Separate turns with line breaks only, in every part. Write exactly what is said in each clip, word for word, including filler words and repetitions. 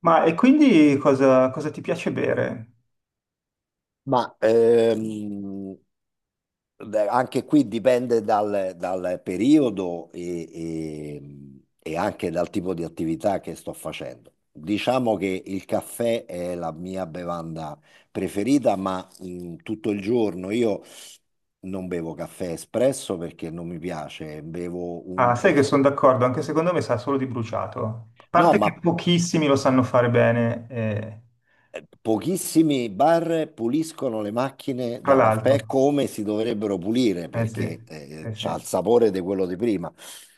Ma e quindi cosa, cosa ti piace bere?
Ma ehm, beh, anche qui dipende dal, dal periodo e, e- e anche dal tipo di attività che sto facendo. Diciamo che il caffè è la mia bevanda preferita, ma mh, tutto il giorno io non bevo caffè espresso perché non mi piace, bevo
Ah,
un
sai che
caffè.
sono d'accordo, anche secondo me sa solo di bruciato. A
No,
parte
ma
che pochissimi lo sanno fare bene, eh,
eh, pochissimi bar puliscono le macchine
tra
da caffè
l'altro.
come si dovrebbero pulire
Eh sì,
perché eh,
eh sì,
c'ha il
eh
sapore di quello di prima.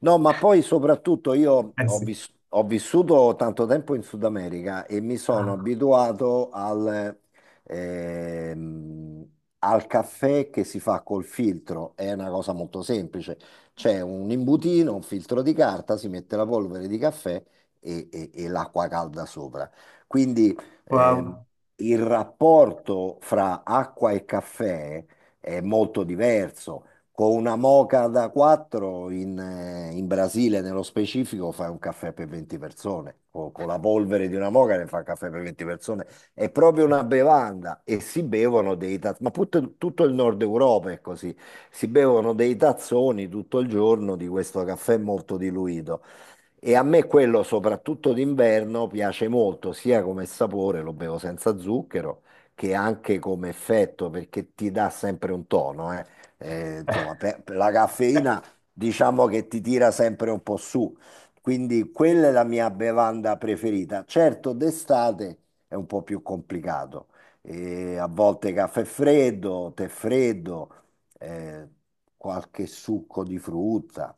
No, ma poi soprattutto io ho,
sì.
vis- ho vissuto tanto tempo in Sud America e mi sono
Ah,
abituato al, ehm, al caffè che si fa col filtro. È una cosa molto semplice. C'è un imbutino, un filtro di carta, si mette la polvere di caffè e e- e l'acqua calda sopra. Quindi ehm,
wow.
il rapporto fra acqua e caffè è molto diverso. Con una moca da quattro in, eh, in Brasile, nello specifico, fai un caffè per venti persone. Co- Con la polvere di una moca ne fa un caffè per venti persone. È proprio una bevanda e si bevono dei tazzoni. Ma put- tutto il nord Europa è così. Si bevono dei tazzoni tutto il giorno di questo caffè molto diluito. E a me quello, soprattutto d'inverno, piace molto, sia come sapore, lo bevo senza zucchero, che anche come effetto, perché ti dà sempre un tono, eh. Eh, insomma, per- per la caffeina diciamo che ti tira sempre un po' su. Quindi quella è la mia bevanda preferita. Certo, d'estate è un po' più complicato. Eh, a volte caffè freddo, tè freddo, eh, qualche succo di frutta.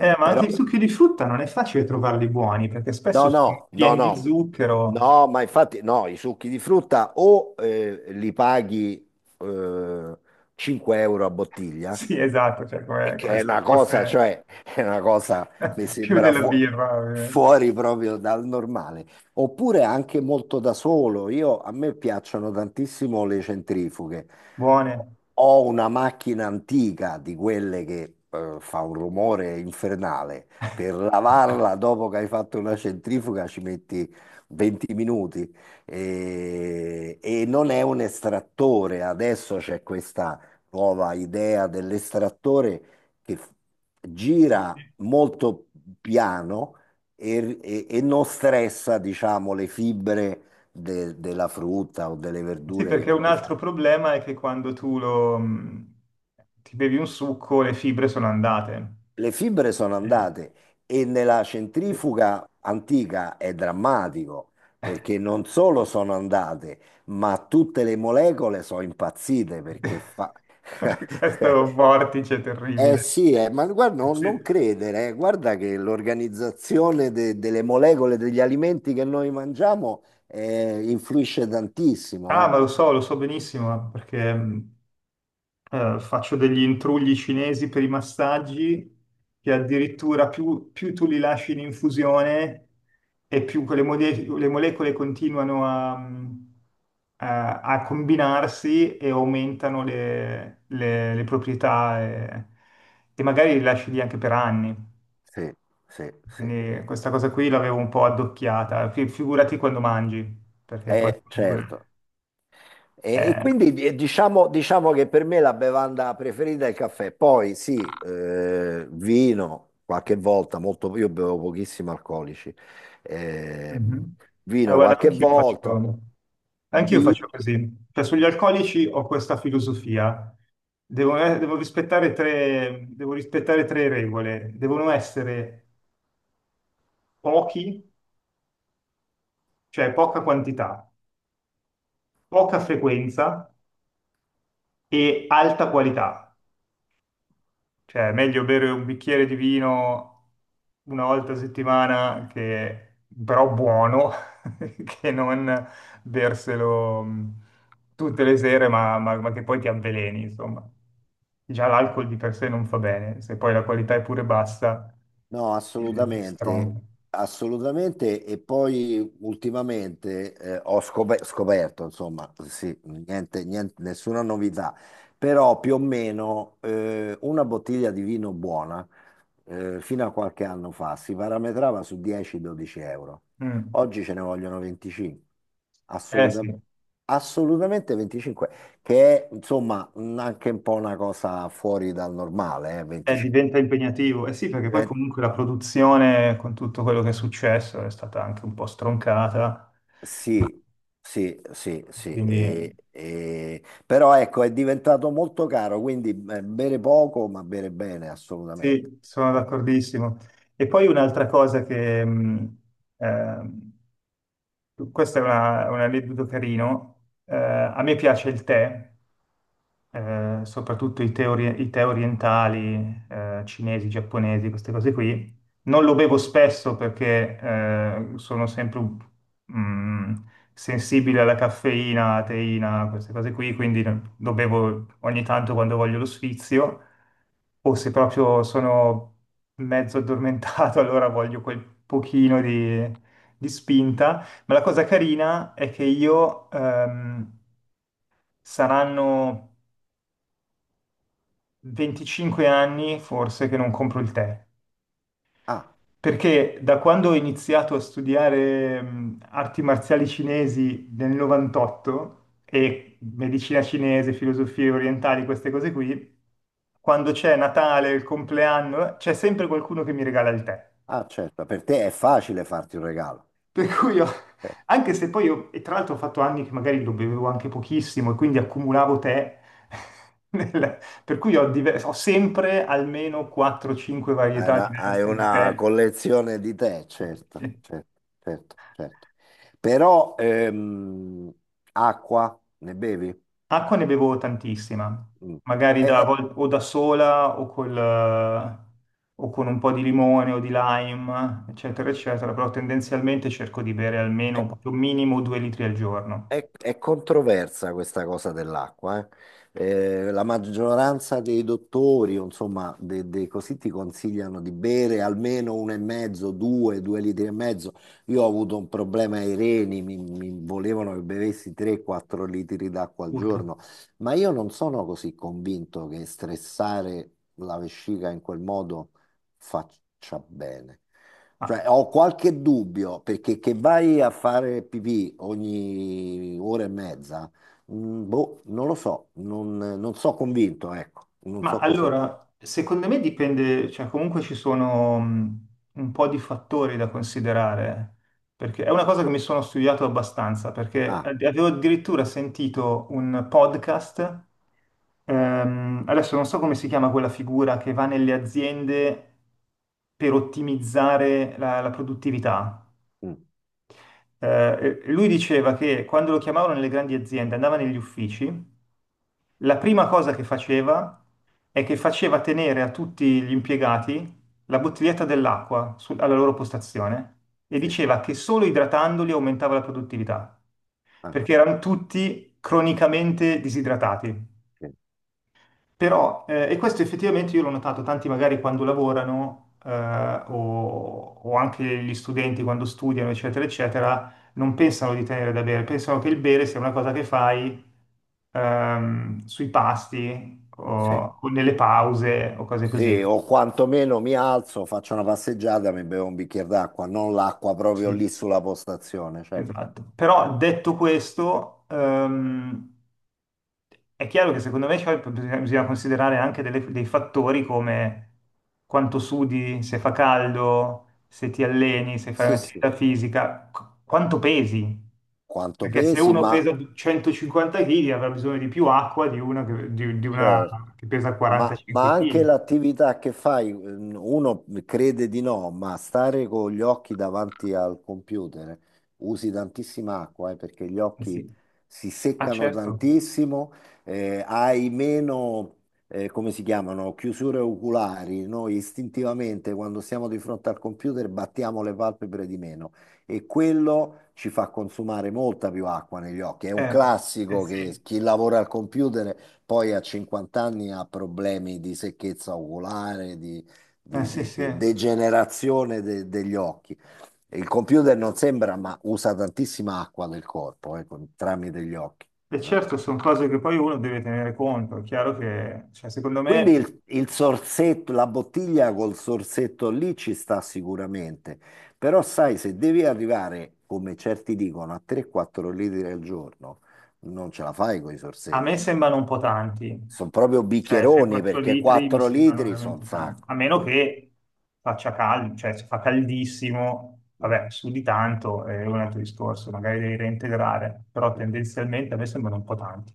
Eh, ma
però
anche i succhi di frutta non è facile trovarli buoni, perché
no,
spesso sono
no, no,
pieni di
no,
zucchero.
no, ma infatti no, i succhi di frutta o eh, li paghi eh, cinque euro a bottiglia
Sì, esatto, cioè
e
come,
che
come
è
se
una cosa,
fosse
cioè, è una cosa, mi
più
sembra
della
fu-
birra, ovviamente.
fuori proprio dal normale. Oppure anche molto da solo. Io, a me piacciono tantissimo le centrifughe.
Buone.
Ho una macchina antica di quelle che eh, fa un rumore infernale. Per lavarla dopo che hai fatto una centrifuga ci metti venti minuti e, e non è un estrattore. Adesso c'è questa nuova idea dell'estrattore che f- gira molto piano e, e- e non stressa, diciamo, le fibre de- della frutta o delle
Sì,
verdure che
perché un
vuoi
altro
fare.
problema è che quando tu lo, mh, ti bevi un succo, le fibre sono andate.
Le fibre sono andate e nella
Sì.
centrifuga antica è drammatico perché non solo sono andate, ma tutte le molecole sono impazzite perché fa...
Questo vortice
Eh
terribile.
sì, eh, ma guarda, no-
Sì.
non credere, eh. Guarda che l'organizzazione de- delle molecole degli alimenti che noi mangiamo eh, influisce tantissimo,
Ah,
eh.
ma lo so, lo so benissimo, perché mh, eh, faccio degli intrugli cinesi per i massaggi, che addirittura più, più tu li lasci in infusione e più quelle mode- le molecole continuano a, mh, a- a combinarsi e aumentano le, le- le proprietà, e, e magari li lasci lì anche per anni.
Sì, sì, sì,
Quindi questa cosa qui l'avevo un po' addocchiata, Fi- figurati quando mangi, perché poi
eh,
comunque.
certo. E, e
eh,
quindi eh, diciamo, diciamo che per me la bevanda preferita è il caffè, poi sì, eh, vino qualche volta, molto, io bevo pochissimi alcolici, ehm,
Mhm. Eh,
vino
guarda,
qualche
anch'io faccio,
volta,
anch'io faccio
birra.
così. Cioè, sugli alcolici ho questa filosofia. Devo, eh, devo rispettare tre, devo rispettare tre regole. Devono essere pochi, cioè poca quantità, poca frequenza e alta qualità. Cioè, è meglio bere un bicchiere di vino una volta a settimana, che, però buono, che non berselo mh, tutte le sere, ma, ma- ma che poi ti avveleni, insomma. Già l'alcol di per sé non fa bene, se poi la qualità è pure bassa,
No,
ti, ti
assolutamente,
stronca.
assolutamente. E poi ultimamente eh, ho scop- scoperto, insomma, sì, niente, niente- nessuna novità, però più o meno eh, una bottiglia di vino buona eh, fino a qualche anno fa si parametrava su dieci-dodici euro.
Mm.
Oggi ce ne vogliono venticinque,
Eh sì,
assolutamente, assolutamente venticinque, che è insomma un- anche un po' una cosa fuori dal normale, eh,
eh,
venticinque.
diventa impegnativo. Eh sì, perché poi comunque la produzione, con tutto quello che è successo, è stata anche un po' stroncata.
Sì, sì, sì, sì,
Quindi
e- e- però ecco è diventato molto caro, quindi eh, bere poco ma bere bene assolutamente.
sì, sono
Eh.
d'accordissimo. E poi un'altra cosa che, mh, ehm, questa è una- un aneddoto carino, eh, a me piace il tè, eh, soprattutto i tè, ori- i tè orientali, eh, cinesi, giapponesi, queste cose qui. Non lo bevo spesso perché eh, sono sempre mm, sensibile alla caffeina, alla teina, queste cose qui, quindi lo bevo ogni tanto quando voglio lo sfizio o se proprio sono mezzo addormentato, allora voglio quel pochino di, di spinta. Ma la cosa carina è che io ehm, saranno venticinque anni forse che non compro il tè,
Ah,
perché da quando ho iniziato a studiare mh, arti marziali cinesi nel novantotto e medicina cinese, filosofie orientali, queste cose qui, quando c'è Natale, il compleanno, c'è sempre qualcuno che mi regala il tè.
ah, certo, per te è facile farti un regalo.
Per cui io,
Eh,
anche se poi io, e tra l'altro ho fatto anni che magari lo bevevo anche pochissimo e quindi accumulavo tè, nel- per cui ho, diver- ho sempre almeno quattro o cinque
Hai
varietà
una, hai
diverse di
una
tè.
collezione di te, certo, certo, certo, certo. Però ehm, acqua ne bevi?
Acqua ne bevo tantissima,
Mm.
magari
Eh,
da,
eh,
vol- o da sola o, col, eh, o con un po' di limone o di lime, eccetera,
mm.
eccetera, però tendenzialmente cerco di bere
eh,
almeno proprio minimo due litri al giorno.
È, è controversa questa cosa dell'acqua, eh. Eh, la maggioranza dei dottori, o insomma, de- dei così ti consigliano di bere almeno uno e mezzo, due, due litri e mezzo. Io ho avuto un problema ai reni, mi, mi volevano che bevessi tre quattro litri d'acqua al
Urca.
giorno, ma io non sono così convinto che stressare la vescica in quel modo faccia bene. Cioè,
Ah.
ho qualche dubbio perché che vai a fare pipì ogni ora e mezza. Mm, boh, non lo so, non, non so convinto, ecco, non
Ma
so così.
allora, secondo me dipende, cioè comunque ci sono mh, un po' di fattori da considerare, perché è una cosa che mi sono studiato abbastanza, perché
Ah,
ad- avevo addirittura sentito un podcast. Ehm, adesso non so come si chiama quella figura che va nelle aziende per ottimizzare la, la produttività.
mm,
Eh, e- e lui diceva che quando lo chiamavano nelle grandi aziende, andava negli uffici. La prima cosa che faceva è che faceva tenere a tutti gli impiegati la bottiglietta dell'acqua su- alla loro postazione, e
sì,
diceva che solo idratandoli aumentava la produttività,
ah,
perché erano tutti cronicamente disidratati.
sì,
Però, eh, e questo effettivamente io l'ho notato: tanti magari quando lavorano, eh, o, o anche gli studenti quando studiano, eccetera, eccetera, non pensano di tenere da bere, pensano che il bere sia una cosa che fai ehm, sui pasti
sì,
o, o nelle pause o cose così.
sì,
No?
o quantomeno mi alzo, faccio una passeggiata, mi bevo un bicchiere d'acqua, non l'acqua proprio
Sì,
lì sulla postazione, certo.
esatto. Però detto questo, ehm, è chiaro che, secondo me, cioè, bisogna bisogna considerare anche delle- dei fattori, come quanto sudi, se fa caldo, se ti alleni, se fai
Sì, sì,
un'attività fisica, qu- quanto pesi.
quanto
Perché se
pesi,
uno
ma
pesa centocinquanta chili avrà bisogno di più acqua di una che, di- di una
certo.
che pesa
Ma,
45
ma anche
kg.
l'attività che fai, ehm, uno crede di no, ma stare con gli occhi davanti al computer eh, usi tantissima acqua, eh, perché gli
Eh sì.
occhi si
Ah,
seccano
certo,
tantissimo, eh, hai meno, eh, come si chiamano, chiusure oculari. Noi istintivamente quando siamo di fronte al computer battiamo le palpebre di meno e quello ci fa consumare molta più acqua negli occhi. È un
eh, eh
classico che
sì,
chi lavora al computer poi a cinquanta anni ha problemi di secchezza oculare, di,
eh
di-
sì,
di-
sì.
di
E
degenerazione de- degli occhi. E il computer non sembra, ma usa tantissima acqua del corpo, eh, con- tramite gli occhi. Eh.
certo, sono cose che poi uno deve tenere conto. È chiaro che, cioè, secondo
Quindi
me,
il, il sorsetto, la bottiglia col sorsetto lì ci sta sicuramente, però sai, se devi arrivare, come certi dicono, a tre o quattro litri al giorno, non ce la fai con i
a me
sorsetti.
sembrano un po' tanti,
Sono proprio
cioè
bicchieroni
tre o quattro
perché
litri mi
quattro
sembrano
litri sono un
veramente tanti,
sacco.
a meno
Sì.
che faccia caldo. Cioè, se fa caldissimo,
No.
vabbè, su di tanto è un altro discorso, magari devi reintegrare, però tendenzialmente a me sembrano un po' tanti.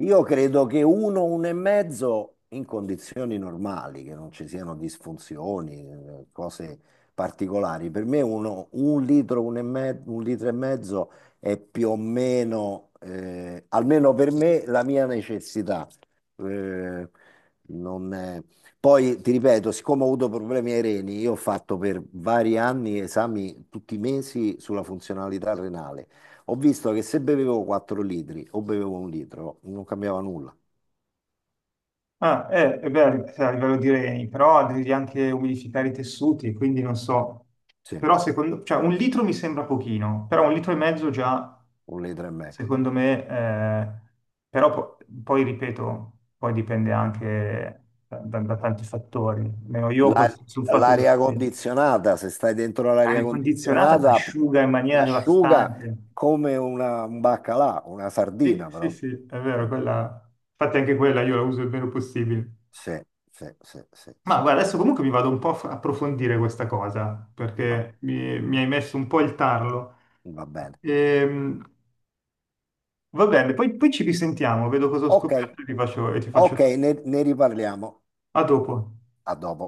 Io credo che uno, uno e mezzo in condizioni normali, che non ci siano disfunzioni, eh, cose particolari. Per me uno, un litro, un, e me- un litro e mezzo è più o meno, eh, almeno per me, la mia necessità. Eh, non è- Poi ti ripeto, siccome ho avuto problemi ai reni, io ho fatto per vari anni esami tutti i mesi sulla funzionalità renale. Ho visto che se bevevo quattro litri o bevevo un litro, non cambiava nulla.
Ah, eh, eh, beh, a livello di reni, però devi anche umidificare i tessuti, quindi non so.
Sì,
Però secondo, cioè, un litro mi sembra pochino, però un litro e mezzo già,
un litro e mezzo.
secondo me, eh, però po- poi ripeto, poi dipende anche da, da- da tanti fattori. Almeno io
La-
questo, sul fatto che
L'aria
sì,
condizionata, se stai dentro l'aria
l'aria condizionata ti
condizionata,
asciuga in maniera
asciuga
devastante.
come una, un baccalà, una
Sì,
sardina
sì,
però.
sì, è vero, quella. Infatti anche quella io la uso il meno possibile.
Sì, sì, sì, sì,
Ma
sì.
guarda, adesso comunque mi vado un po' a f- approfondire questa cosa,
Va,
perché mi, mi hai messo un po' il tarlo.
va bene.
Ehm, va bene, poi, poi ci risentiamo, vedo cosa ho
Ok,
scoperto e ti faccio, e ti faccio
ok,
sapere.
ne ne riparliamo.
A dopo.
A dopo.